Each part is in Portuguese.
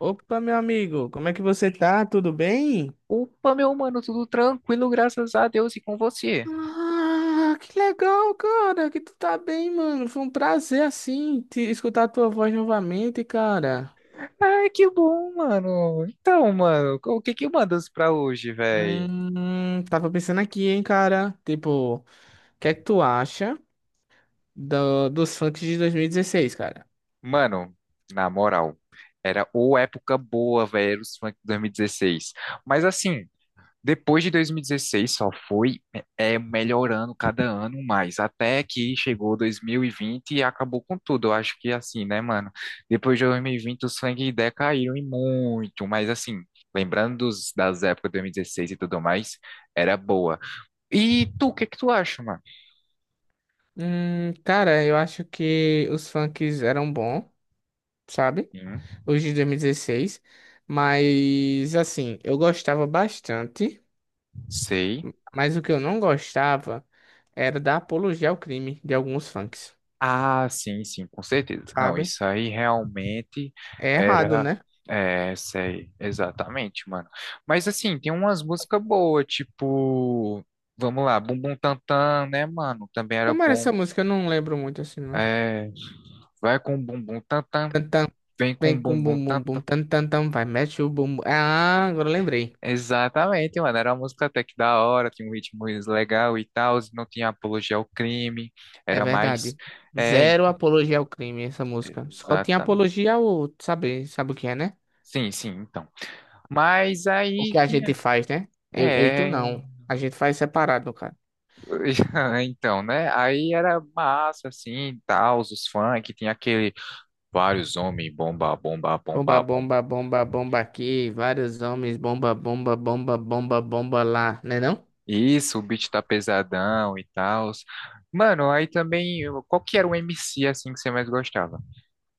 Opa, meu amigo, como é que você tá? Tudo bem? Opa, meu mano, tudo tranquilo, graças a Deus e com você. Ah, que legal, cara, que tu tá bem, mano. Foi um prazer, assim, te escutar a tua voz novamente, cara. Ai, que bom, mano. Então, mano, o que que mandas pra hoje, véi? Tava pensando aqui, hein, cara. Tipo, o que é que tu acha dos funks de 2016, cara? Mano, na moral, era ou época boa, velho, era os funk 2016. Mas assim, depois de 2016 só foi melhorando cada ano mais, até que chegou 2020 e vinte e acabou com tudo. Eu acho que é assim, né, mano? Depois de 2020 os funk decaíram e muito, mas assim, lembrando das épocas de 2016 e dezesseis e tudo mais, era boa. E tu, o que que tu acha, mano? Cara, eu acho que os funks eram bons, sabe? Hum, Os de 2016. Mas, assim, eu gostava bastante. sei. Mas o que eu não gostava era da apologia ao crime de alguns funks, Ah, sim, sim, com certeza. Não, sabe? isso aí realmente É errado, era. né? É, sei, exatamente, mano. Mas assim, tem umas músicas boas, tipo. Vamos lá, Bum Bum Tantan, né, mano? Também era Como era bom. essa música? Eu não lembro muito assim, não. É, vai com Bum Bum Tantan, Tantan, vem vem com com Bum Bum bum bum bum, Tantan. tan tan tan, vai, mete o bum. Bum. Ah, agora eu lembrei. Exatamente, mano. Era uma música até que da hora, tinha um ritmo legal e tal, não tinha apologia ao crime, É era mais. verdade. É, Zero apologia ao crime essa música. Só tinha exatamente. apologia ao saber, sabe o que é, né? Sim, sim, então. Mas O aí que a que gente faz, né? Eu e tu é, não. A gente faz separado, no caso. então, né? Aí era massa, assim, tal, os funk, tinha aquele vários homens, bomba, bomba, Bomba, bomba, bomba. bomba, bomba, bomba aqui. Vários homens, bomba, bomba, bomba, bomba, bomba lá, né não? Isso, o beat tá pesadão e tal. Mano, aí também, qual que era o MC, assim, que você mais gostava?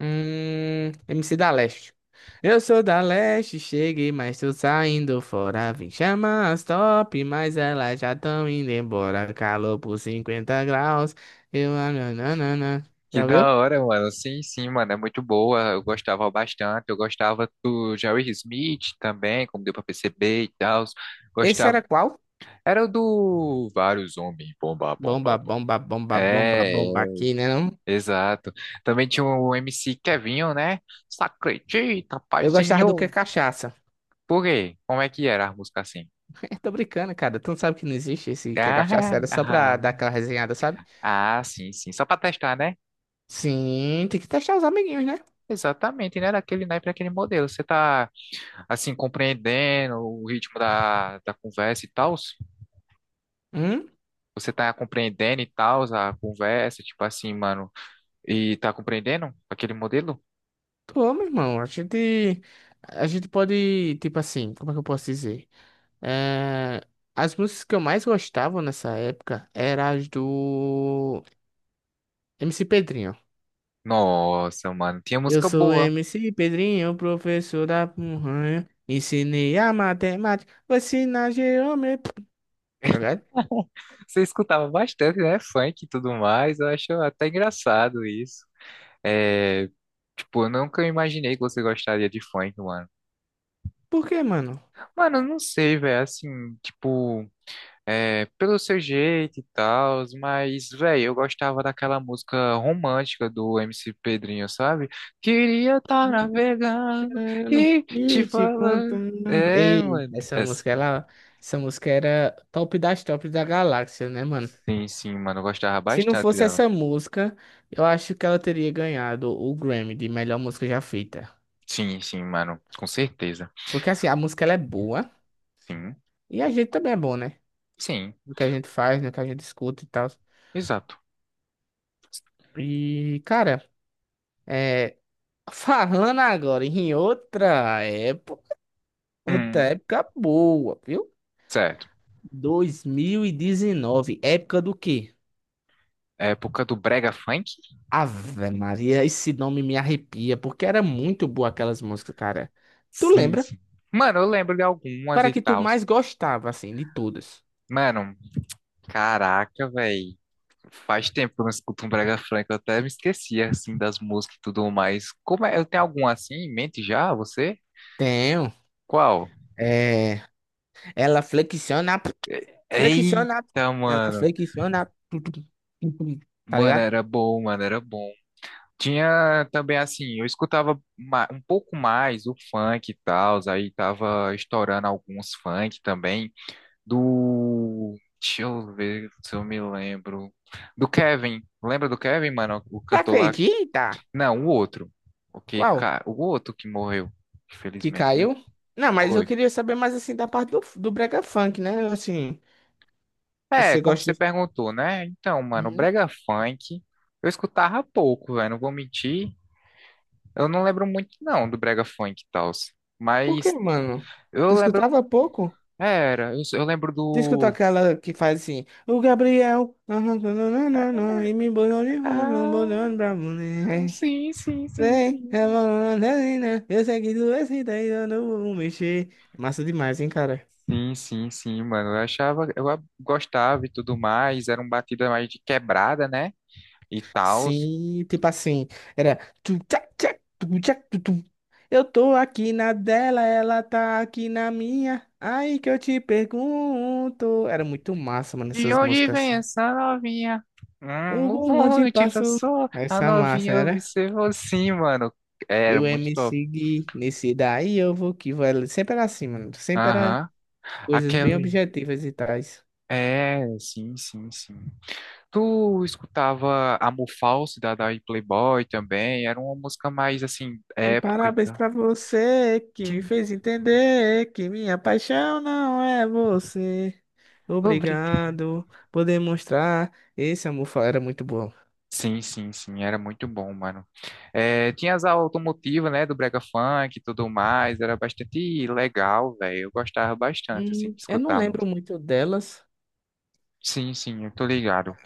MC da Leste. Eu sou da Leste, cheguei, mas tô saindo fora. Vim chamar as top, mas elas já tão indo embora. Calor por 50 graus. Eu, ah, não. Que Já da viu? hora, mano. Sim, sim, mano, é muito boa. Eu gostava bastante. Eu gostava do Jerry Smith também, como deu pra perceber e tal. Esse Gostava. era qual? Era o do vários homens, bomba, bomba, Bomba, bomba. bomba, bomba, bomba, É, bomba aqui, né não? exato. Também tinha o MC Kevinho, né? Só acredita, Eu gostava do que é paizinho. cachaça. Por quê? Como é que era a música assim? Eu tô brincando, cara. Tu não sabe que não existe esse que é cachaça. Ah, Era só pra ah, dar aquela resenhada, sabe? ah, sim, sim. Só pra testar, né? Sim, tem que testar os amiguinhos, né? Exatamente, né? Daquele naipe, daquele modelo. Você tá, assim, compreendendo o ritmo da conversa e tal? Hum? Você tá compreendendo e tal a conversa, tipo assim, mano. E tá compreendendo aquele modelo? Tô, meu irmão. A gente. A gente pode. Tipo assim, como é que eu posso dizer? É, as músicas que eu mais gostava nessa época eram as do MC Pedrinho. Nossa, mano. Tinha Eu música sou boa. MC Pedrinho, professor da Punhanha. Ensinei a matemática, vou ensinar geometria. Tá ligado? Você escutava bastante, né? Funk e tudo mais. Eu acho até engraçado isso. É, tipo, eu nunca imaginei que você gostaria de funk, mano. Por quê, mano? Mano, eu não sei, velho. Assim, tipo, pelo seu jeito e tal, mas, velho, eu gostava daquela música romântica do MC Pedrinho, sabe? Queria estar navegando Contando, e te e te falando. contando. É, Ei, mano. essa É, música, ela, essa música era top das tops da galáxia, né, mano? sim, sim, mano. Eu gostava Se não bastante fosse dela. essa música, eu acho que ela teria ganhado o Grammy de melhor música já feita. Sim, sim, mano. Com certeza. Porque assim, a música ela é boa Sim. e a gente também é bom, né? Sim, No que a gente faz, no que a gente escuta e tal. exato. E, cara, é, falando agora em outra Hum, época boa, viu? certo. 2019, época do quê? Época do brega funk? Ave Maria, esse nome me arrepia, porque era muito boa aquelas músicas, cara. Tu Sim, lembra? sim. Mano, eu lembro de Qual algumas era a e que tu tal. mais gostava, assim, de todas? Mano, caraca, velho. Faz tempo que eu não escuto um brega funk. Eu até me esqueci, assim, das músicas e tudo mais. Como é? Eu tenho algum assim em mente já, você? Tenho. Qual? É, ela flexiona, flexiona, Eita, ela mano. flexiona, tu, tu, tu, tu, tá Mano, ligado? era bom, mano, era bom. Tinha também, assim, eu escutava um pouco mais o funk e tal. Aí tava estourando alguns funk também. Do. Deixa eu ver se eu me lembro. Do Kevin. Lembra do Kevin, mano? O Você cantor lá. Acredita? Não, o outro. O que, Qual? cara, o outro que morreu, Que infelizmente, né? caiu? Não, mas eu Foi. queria saber mais, assim, da parte do brega funk, né? Assim, É, você como você gosta... perguntou, né? Então, mano, Uhum. brega funk, eu escutava pouco, velho, não vou mentir. Eu não lembro muito, não, do brega funk e tal. Por que, Mas mano? Tu eu lembro, escutava pouco? era, eu lembro Tu escuta do... aquela que faz assim, o Gabriel, nananana, e me botou de mano, Ah, botou pra mulher. sim, sim, sim, Vem, é sim. banana, eu sei que tu é assim, daí eu não vou mexer. Massa demais, hein, cara? Sim, sim, sim, mano. Eu achava, gostava e tudo mais. Era um batida mais de quebrada, né? E tal. Sim, tipo assim, era. Tu, tchac, tchac, tu, tu. Eu tô aqui na dela, ela tá aqui na minha. Aí que eu te pergunto. Era muito massa, mano, De essas onde músicas. vem essa novinha? O O bonde bonde passou. passou, a Essa novinha massa, né? observou. Sim, mano. E Era o muito top. MC Gui, nesse daí eu vou que vai. Sempre era assim, mano. Sempre era Aham. coisas bem Aquele. objetivas e tais. É, sim, sim, sim. Tu escutava Amor Falso da Playboy também? Era uma música mais assim, E época e parabéns tal. pra você que Que- me fez entender que minha paixão não é você. Obrigado. Obrigado por demonstrar. Esse amor fa- era muito bom. Sim, sim, sim, era muito bom, mano. É, tinha as aulas automotivas, né, do Brega Funk e tudo mais, era bastante legal, velho. Eu gostava bastante, assim, de Eu não escutar a lembro música. muito delas. Sim, sim, eu tô ligado.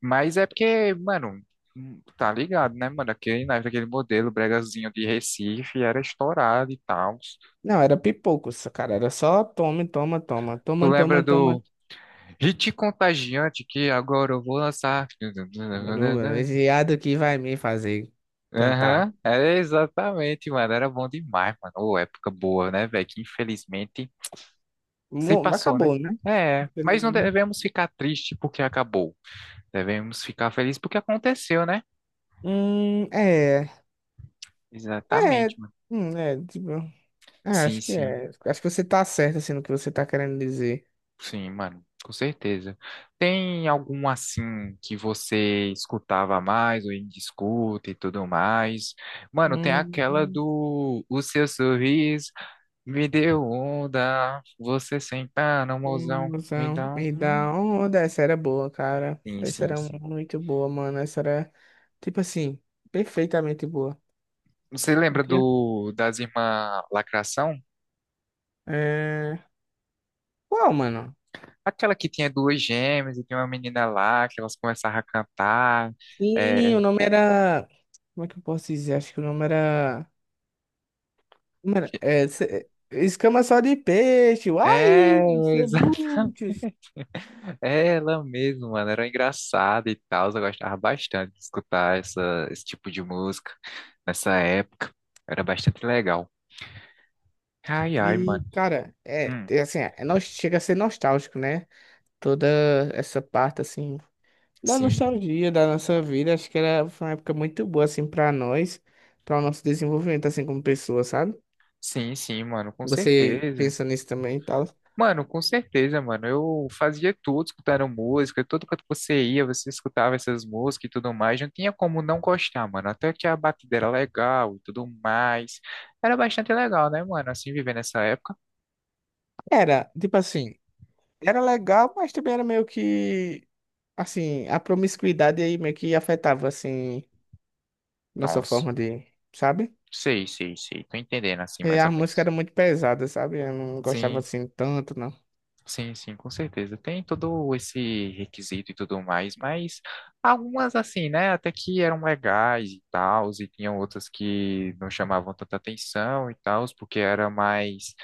Mas é porque, mano, tá ligado, né, mano? Aquele, na época, aquele modelo bregazinho de Recife era estourado e tal. Não, era pipoco, essa cara. Era só toma, toma, toma, Tu toma, lembra toma, toma. do Hit Contagiante que agora eu vou lançar? Esse viado que vai me fazer cantar. Aham, é exatamente, mano. Era bom demais, mano. Ô, época boa, né, velho? Que infelizmente se Mo- passou, né? acabou, né? É, mas não devemos ficar triste porque acabou. Devemos ficar felizes porque aconteceu, né? É. É. Exatamente, mano. Hum, é, tipo. Sim, Acho que sim, é. Acho que você tá certo, assim, no que você tá querendo dizer. sim, mano. Com certeza. Tem algum assim que você escutava mais ou ainda escuta e tudo mais? Mano, tem aquela Hum, do O Seu Sorriso. Me deu onda, você sem par, não, mozão, me conclusão. dá Me um. dá onda. Essa era boa, cara. Sim, Essa sim, era sim. muito boa, mano. Essa era, tipo assim, perfeitamente boa. Você Não lembra tinha? do das irmãs Lacração? É... Qual, mano? Aquela que tinha duas gêmeas e tinha uma menina lá que elas começavam a cantar. Sim, É, o nome era. Como é que eu posso dizer? Acho que o nome era. Mano, é, escama só de peixe. Uai, é, ser exatamente. bruto. É ela mesma, mano. Era engraçada e tal. Eu gostava bastante de escutar esse tipo de música nessa época. Era bastante legal. Ai, ai, E, mano. cara, é, Hum, é assim, é, chega a ser nostálgico, né? Toda essa parte, assim, da sim, nostalgia da nossa vida, acho que era, foi uma época muito boa, assim, pra nós, para o nosso desenvolvimento, assim, como pessoa, sabe? sim, sim, mano, com Você certeza. pensa nisso também e tal. Mano, com certeza, mano. Eu fazia tudo escutando música, todo canto que você ia, você escutava essas músicas e tudo mais. Não tinha como não gostar, mano. Até que a batida era legal e tudo mais. Era bastante legal, né, mano? Assim, viver nessa época. Era, tipo assim, era legal, mas também era meio que, assim, a promiscuidade aí meio que afetava, assim, nossa Nossa, forma de, sabe? sei, sei, sei. Tô entendendo, assim, E mais a ou música menos. era muito pesada, sabe? Eu não gostava, Sim. assim, tanto, não. Sim, sim, com certeza. Tem todo esse requisito e tudo mais, mas algumas assim, né, até que eram legais e tal, e tinham outras que não chamavam tanta atenção e tal, porque era mais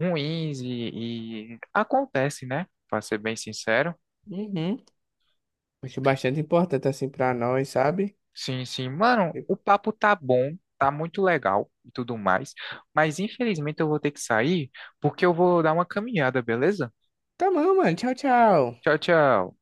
ruins e acontece, né? Para ser bem sincero. Uhum. Acho bastante importante assim pra nós, sabe? Sim, sim, mano, E o papo tá bom, tá muito legal e tudo mais, mas infelizmente eu vou ter que sair porque eu vou dar uma caminhada, beleza? tá bom, mano. Tchau, tchau. Tchau, tchau.